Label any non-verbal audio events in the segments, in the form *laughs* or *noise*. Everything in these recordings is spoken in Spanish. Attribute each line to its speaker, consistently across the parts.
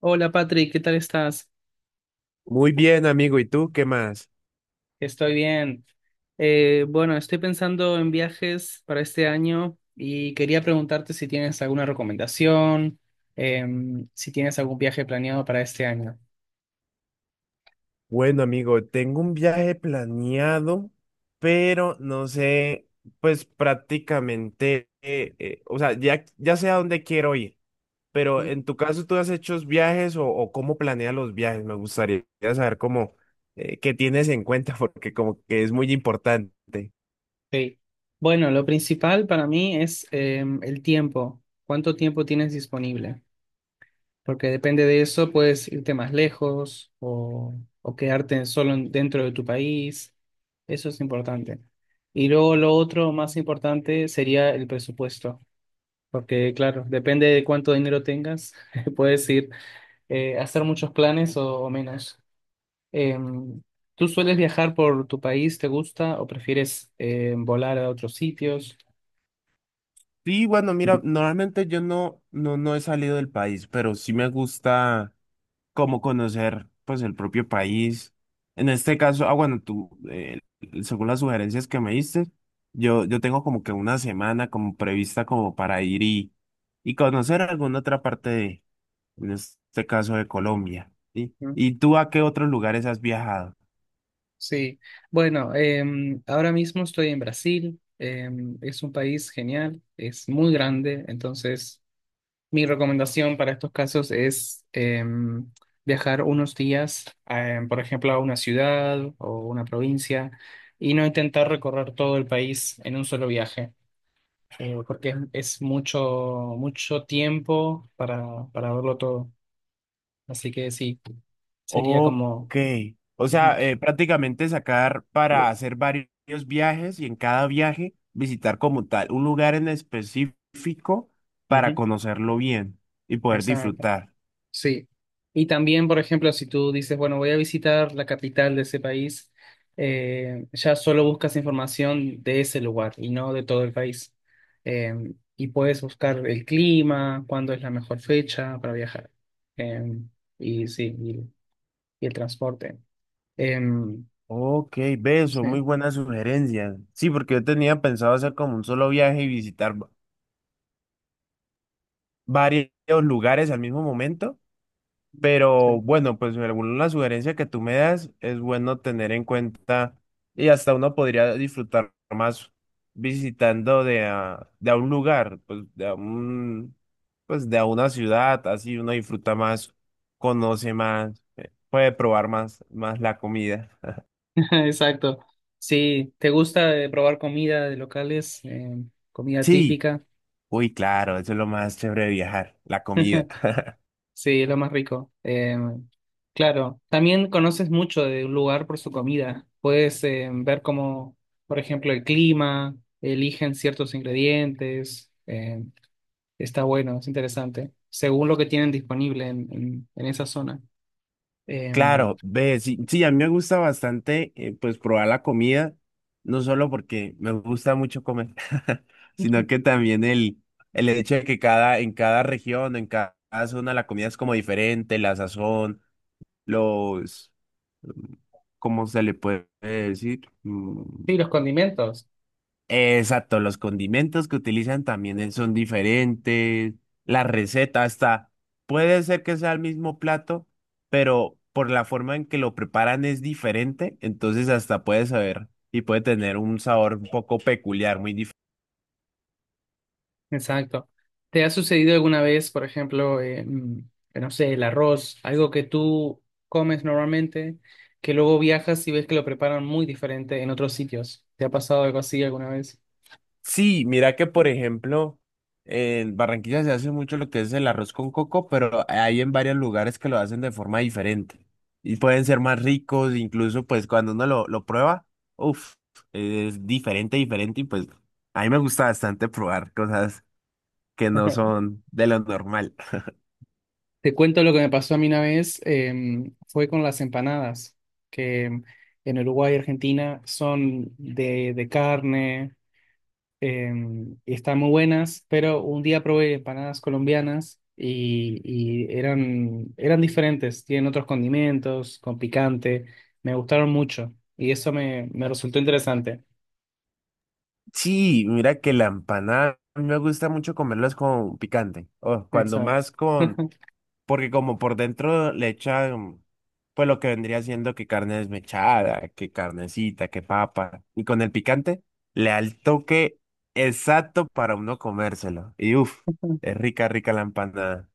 Speaker 1: Hola Patrick, ¿qué tal estás?
Speaker 2: Muy bien, amigo. ¿Y tú qué más?
Speaker 1: Estoy bien. Bueno, estoy pensando en viajes para este año y quería preguntarte si tienes alguna recomendación, si tienes algún viaje planeado para este año.
Speaker 2: Bueno, amigo, tengo un viaje planeado, pero no sé, pues prácticamente, o sea, ya sé a dónde quiero ir, pero en tu caso, ¿tú has hecho viajes o cómo planeas los viajes? Me gustaría saber cómo, qué tienes en cuenta, *laughs* porque como que es muy importante.
Speaker 1: Sí. Bueno, lo principal para mí es el tiempo. ¿Cuánto tiempo tienes disponible? Porque depende de eso, puedes irte más lejos o quedarte solo dentro de tu país. Eso es importante. Y luego lo otro más importante sería el presupuesto. Porque claro, depende de cuánto dinero tengas, *laughs* puedes ir a hacer muchos planes o menos. Em, ¿Tú sueles viajar por tu país? ¿Te gusta o prefieres volar a otros sitios?
Speaker 2: Sí, bueno, mira, normalmente yo no he salido del país, pero sí me gusta como conocer pues el propio país. En este caso, ah, bueno, tú, según las sugerencias que me diste, yo tengo como que una semana como prevista como para ir y conocer alguna otra parte de, en este caso de Colombia, ¿sí? ¿Y tú a qué otros lugares has viajado?
Speaker 1: Sí, bueno, ahora mismo estoy en Brasil, es un país genial, es muy grande, entonces mi recomendación para estos casos es viajar unos días, por ejemplo, a una ciudad o una provincia y no intentar recorrer todo el país en un solo viaje, porque es mucho, mucho tiempo para verlo todo. Así que sí, sería como...
Speaker 2: Ok. O
Speaker 1: Ujú,
Speaker 2: sea, prácticamente sacar para hacer varios viajes y en cada viaje visitar como tal un lugar en específico para
Speaker 1: ujú,
Speaker 2: conocerlo bien y poder
Speaker 1: esa.
Speaker 2: disfrutar.
Speaker 1: Sí, y también, por ejemplo, si tú dices, bueno, voy a visitar la capital de ese país, ya solo buscas información de ese lugar y no de todo el país. Y puedes buscar el clima, cuándo es la mejor fecha para viajar. Eh, y sí, y el transporte. Eh,
Speaker 2: Ok, ve, son muy
Speaker 1: sí,
Speaker 2: buenas sugerencias. Sí, porque yo tenía pensado hacer como un solo viaje y visitar varios lugares al mismo momento.
Speaker 1: sí.
Speaker 2: Pero bueno, pues alguna sugerencia que tú me das es bueno tener en cuenta y hasta uno podría disfrutar más visitando de a un lugar, pues de a un, pues de a una ciudad, así uno disfruta más, conoce más, puede probar más, más la comida.
Speaker 1: *laughs* Exacto. Sí te gusta probar comida de locales, comida
Speaker 2: Sí,
Speaker 1: típica.
Speaker 2: uy, claro, eso es lo más chévere de viajar, la comida.
Speaker 1: Sí, es lo más rico. Claro, también conoces mucho de un lugar por su comida. Puedes ver cómo, por ejemplo, el clima, eligen ciertos ingredientes. Está bueno, es interesante, según lo que tienen disponible en, en esa zona. Eh,
Speaker 2: Claro, ve, sí, sí, a mí me gusta bastante, pues, probar la comida, no solo porque me gusta mucho comer, *laughs* sino que también el hecho de que cada, en cada región, en cada zona, la comida es como diferente, la sazón, los, ¿cómo se le puede decir?
Speaker 1: sí, los condimentos.
Speaker 2: Exacto, los condimentos que utilizan también son diferentes, la receta hasta puede ser que sea el mismo plato, pero por la forma en que lo preparan es diferente, entonces hasta puede saber y puede tener un sabor un poco peculiar, muy.
Speaker 1: Exacto. ¿Te ha sucedido alguna vez, por ejemplo, no sé, el arroz, algo que tú comes normalmente, que luego viajas y ves que lo preparan muy diferente en otros sitios? ¿Te ha pasado algo así alguna vez?
Speaker 2: Sí, mira que por ejemplo, en Barranquilla se hace mucho lo que es el arroz con coco, pero hay en varios lugares que lo hacen de forma diferente y pueden ser más ricos, incluso pues cuando uno lo prueba, uff, es diferente, diferente y pues a mí me gusta bastante probar cosas que no son de lo normal.
Speaker 1: Te cuento lo que me pasó a mí una vez, fue con las empanadas, que en Uruguay y Argentina son de carne, y están muy buenas, pero un día probé empanadas colombianas y eran diferentes, tienen otros condimentos, con picante, me gustaron mucho y eso me resultó interesante.
Speaker 2: Sí, mira que la empanada, a mí me gusta mucho comerlas con picante, o cuando
Speaker 1: Exacto.
Speaker 2: más con.
Speaker 1: *laughs*
Speaker 2: Porque como por dentro le echan, pues lo que vendría siendo que carne desmechada, que carnecita, que papa. Y con el picante le da el toque exacto para uno comérselo. Y uff, es rica, rica la empanada.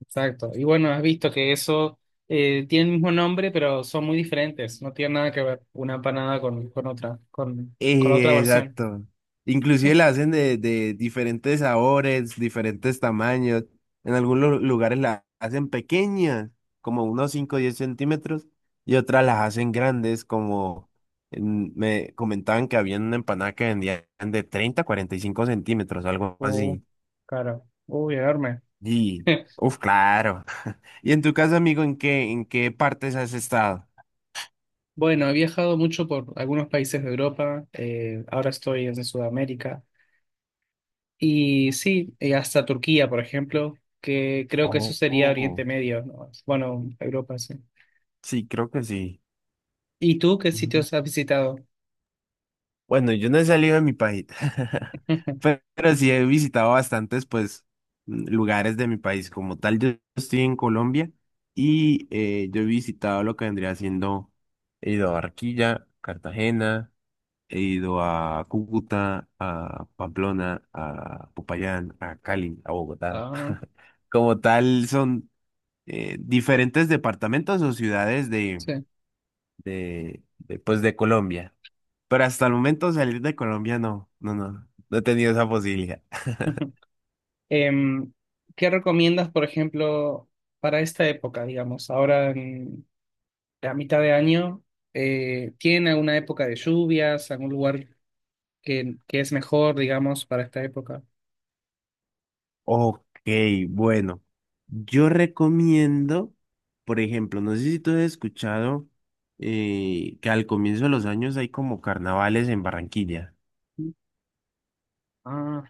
Speaker 1: Exacto. Y bueno, has visto que eso tiene el mismo nombre, pero son muy diferentes, no tienen nada que ver una empanada con otra, con la otra versión.
Speaker 2: Exacto. Inclusive la hacen de diferentes sabores, diferentes tamaños. En algunos lugares la hacen pequeñas, como unos 5 o 10 centímetros, y otras las hacen grandes, como me comentaban que había una empanada que vendían de 30 a 45 centímetros, algo
Speaker 1: Uh,
Speaker 2: así.
Speaker 1: claro. Uy, enorme.
Speaker 2: Y,
Speaker 1: *laughs*
Speaker 2: uf, claro. *laughs* Y en tu caso, amigo, en qué partes has estado?
Speaker 1: Bueno, he viajado mucho por algunos países de Europa, ahora estoy en Sudamérica y sí, hasta Turquía, por ejemplo, que creo que eso sería Oriente
Speaker 2: Oh,
Speaker 1: Medio, ¿no? Bueno, Europa, sí.
Speaker 2: sí, creo que sí.
Speaker 1: ¿Y tú qué sitios has visitado?
Speaker 2: Bueno, yo no he salido de mi país, *laughs*
Speaker 1: *laughs*
Speaker 2: pero sí he visitado bastantes, pues, lugares de mi país. Como tal, yo estoy en Colombia y yo he visitado lo que vendría siendo, he ido a Barquilla, Cartagena, he ido a Cúcuta, a Pamplona, a Popayán, a Cali, a Bogotá.
Speaker 1: Ah,
Speaker 2: *laughs* Como tal, son diferentes departamentos o ciudades
Speaker 1: sí.
Speaker 2: de, pues, de Colombia. Pero hasta el momento salir de Colombia no he tenido esa posibilidad.
Speaker 1: *laughs* Em, ¿qué recomiendas, por ejemplo, para esta época, digamos, ahora en la mitad de año? ¿Tienen alguna época de lluvias, algún lugar que es mejor, digamos, para esta época?
Speaker 2: Ok, bueno, yo recomiendo, por ejemplo, no sé si tú has escuchado que al comienzo de los años hay como carnavales en Barranquilla.
Speaker 1: Ah,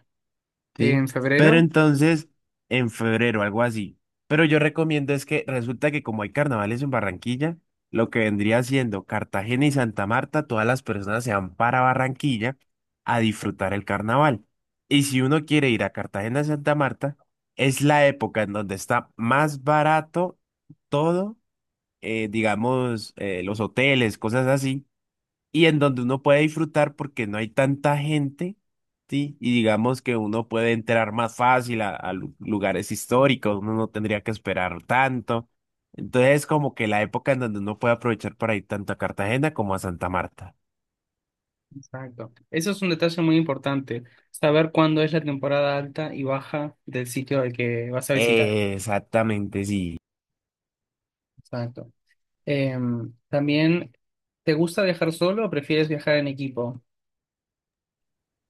Speaker 2: Sí,
Speaker 1: en
Speaker 2: pero
Speaker 1: febrero,
Speaker 2: entonces en febrero, algo así. Pero yo recomiendo es que resulta que como hay carnavales en Barranquilla, lo que vendría siendo Cartagena y Santa Marta, todas las personas se van para Barranquilla a disfrutar el carnaval. Y si uno quiere ir a Cartagena y Santa Marta, es la época en donde está más barato todo, digamos, los hoteles, cosas así y en donde uno puede disfrutar porque no hay tanta gente, ¿sí? Y digamos que uno puede entrar más fácil a lugares históricos, uno no tendría que esperar tanto. Entonces es como que la época en donde uno puede aprovechar para ir tanto a Cartagena como a Santa Marta.
Speaker 1: exacto. Eso es un detalle muy importante, saber cuándo es la temporada alta y baja del sitio al que vas a visitar.
Speaker 2: Exactamente, sí.
Speaker 1: Exacto. También, ¿te gusta viajar solo o prefieres viajar en equipo?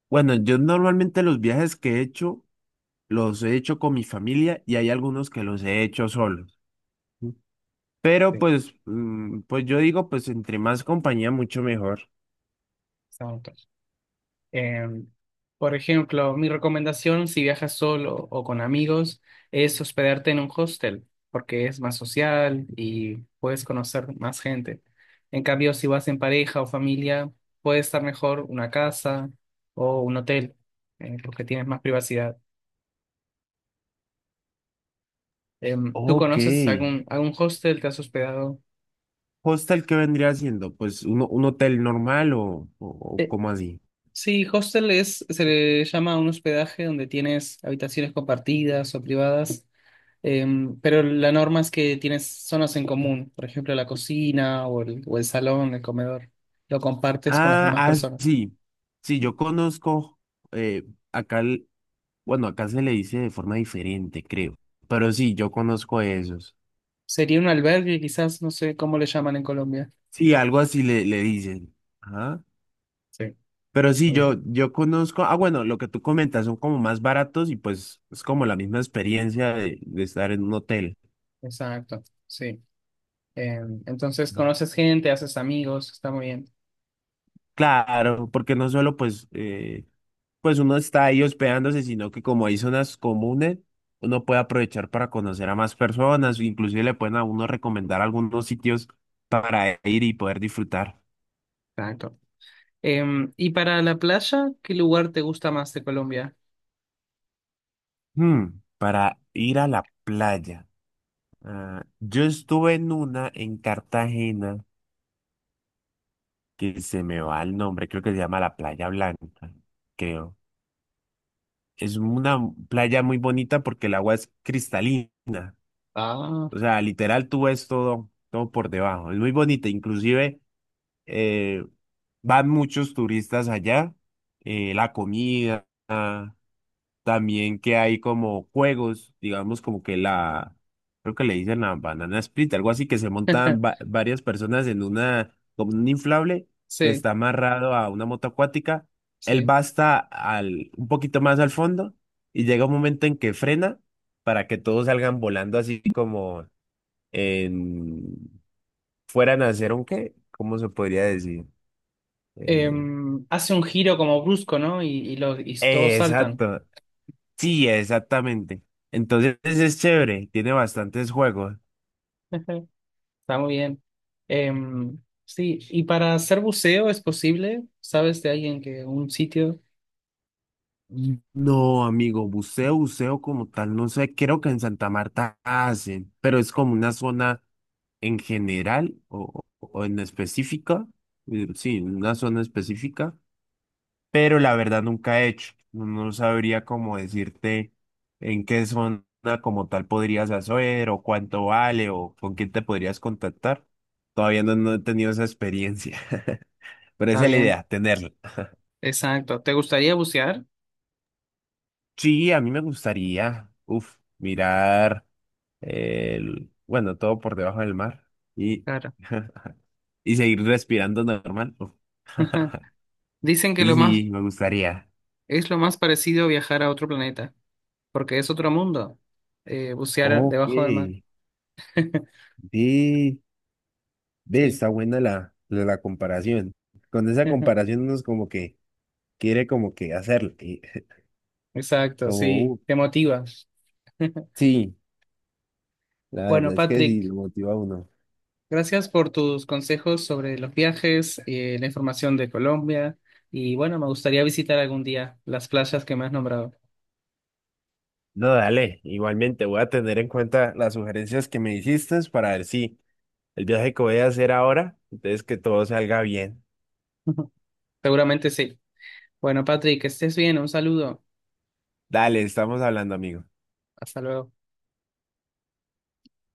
Speaker 2: Bueno, yo normalmente los viajes que he hecho los he hecho con mi familia y hay algunos que los he hecho solos. ¿Sí? Pero
Speaker 1: Sí.
Speaker 2: pues, pues yo digo, pues entre más compañía, mucho mejor.
Speaker 1: Exacto. Em, por ejemplo, mi recomendación si viajas solo o con amigos es hospedarte en un hostel, porque es más social y puedes conocer más gente. En cambio, si vas en pareja o familia, puede estar mejor una casa o un hotel, porque tienes más privacidad. ¿Tú
Speaker 2: Ok.
Speaker 1: conoces algún hostel? ¿Te has hospedado?
Speaker 2: ¿Hostel qué vendría siendo? Pues un hotel normal o
Speaker 1: Eh,
Speaker 2: cómo así.
Speaker 1: sí, hostel es, se le llama a un hospedaje donde tienes habitaciones compartidas o privadas. Em, pero la norma es que tienes zonas en común, por ejemplo, la cocina o el salón, el comedor. Lo compartes con las
Speaker 2: Ah,
Speaker 1: demás
Speaker 2: ah,
Speaker 1: personas.
Speaker 2: sí. Sí, yo conozco eh, acá, bueno, acá se le dice de forma diferente, creo. Pero sí, yo conozco esos.
Speaker 1: Sería un albergue, quizás, no sé cómo le llaman en Colombia.
Speaker 2: Sí, algo así le, le dicen. Ajá.
Speaker 1: Sí.
Speaker 2: Pero sí,
Speaker 1: Muy
Speaker 2: yo,
Speaker 1: bien,
Speaker 2: yo conozco, ah, bueno, lo que tú comentas son como más baratos y pues es como la misma experiencia de estar en un hotel.
Speaker 1: exacto, sí. Entonces conoces gente, haces amigos, está muy bien.
Speaker 2: Claro, porque no solo pues pues uno está ahí hospedándose, sino que como hay zonas comunes, uno puede aprovechar para conocer a más personas, inclusive le pueden a uno recomendar algunos sitios para ir y poder disfrutar.
Speaker 1: Exacto. Y para la playa, ¿qué lugar te gusta más de Colombia?
Speaker 2: Hmm, para ir a la playa. Ah, yo estuve en una en Cartagena que se me va el nombre, creo que se llama la Playa Blanca, creo. Es una playa muy bonita porque el agua es cristalina.
Speaker 1: Ah,
Speaker 2: O sea, literal tú ves todo, todo por debajo. Es muy bonita, inclusive. eh, van muchos turistas allá, la comida, también que hay como juegos, digamos como que la, creo que le dicen la banana split, algo así que se montan
Speaker 1: *laughs*
Speaker 2: varias personas en una, como un inflable que
Speaker 1: sí,
Speaker 2: está amarrado a una moto acuática, él
Speaker 1: sí.
Speaker 2: va hasta al, un poquito más al fondo y llega un momento en que frena para que todos salgan volando así como en, fueran a hacer un qué, ¿cómo se podría decir? Eh,
Speaker 1: Hace un giro como brusco, ¿no? Y, y todos saltan.
Speaker 2: Exacto. Sí, exactamente. Entonces es chévere, tiene bastantes juegos.
Speaker 1: *laughs* Está muy bien. Em, sí, y para hacer buceo es posible, ¿sabes de alguien que un sitio?
Speaker 2: No, amigo, buceo, buceo como tal, no sé, creo que en Santa Marta hacen, pero es como una zona en general o en específica, sí, una zona específica pero la verdad nunca he hecho. No sabría cómo decirte en qué zona como tal podrías hacer o cuánto vale o con quién te podrías contactar. Todavía no, no he tenido esa experiencia, *laughs* pero
Speaker 1: Está
Speaker 2: esa es la
Speaker 1: bien,
Speaker 2: idea, tenerla.
Speaker 1: exacto. ¿Te gustaría bucear?
Speaker 2: Sí, a mí me gustaría, uf, mirar el, bueno, todo por debajo del mar y,
Speaker 1: Claro.
Speaker 2: *laughs* y seguir respirando normal. Uf. *laughs*
Speaker 1: *laughs* Dicen que
Speaker 2: Entonces
Speaker 1: lo más
Speaker 2: sí, me gustaría.
Speaker 1: es lo más parecido a viajar a otro planeta, porque es otro mundo, bucear
Speaker 2: Ok,
Speaker 1: debajo del mar. *laughs*
Speaker 2: sí. Ve,
Speaker 1: Sí.
Speaker 2: está buena la, la, la comparación. Con esa
Speaker 1: *laughs*
Speaker 2: comparación uno es como que quiere como que hacerlo. Y *laughs*
Speaker 1: Exacto,
Speaker 2: como,
Speaker 1: sí, te motiva. *laughs*
Speaker 2: sí, la
Speaker 1: Bueno,
Speaker 2: verdad es que
Speaker 1: Patrick,
Speaker 2: sí, lo motiva a uno.
Speaker 1: gracias por tus consejos sobre los viajes, la información de Colombia y bueno, me gustaría visitar algún día las playas que me has nombrado.
Speaker 2: No, dale, igualmente voy a tener en cuenta las sugerencias que me hiciste para ver si el viaje que voy a hacer ahora, entonces que todo salga bien.
Speaker 1: *laughs* Seguramente sí. Bueno, Patrick, que estés bien. Un saludo.
Speaker 2: Dale, estamos hablando, amigo.
Speaker 1: Hasta luego.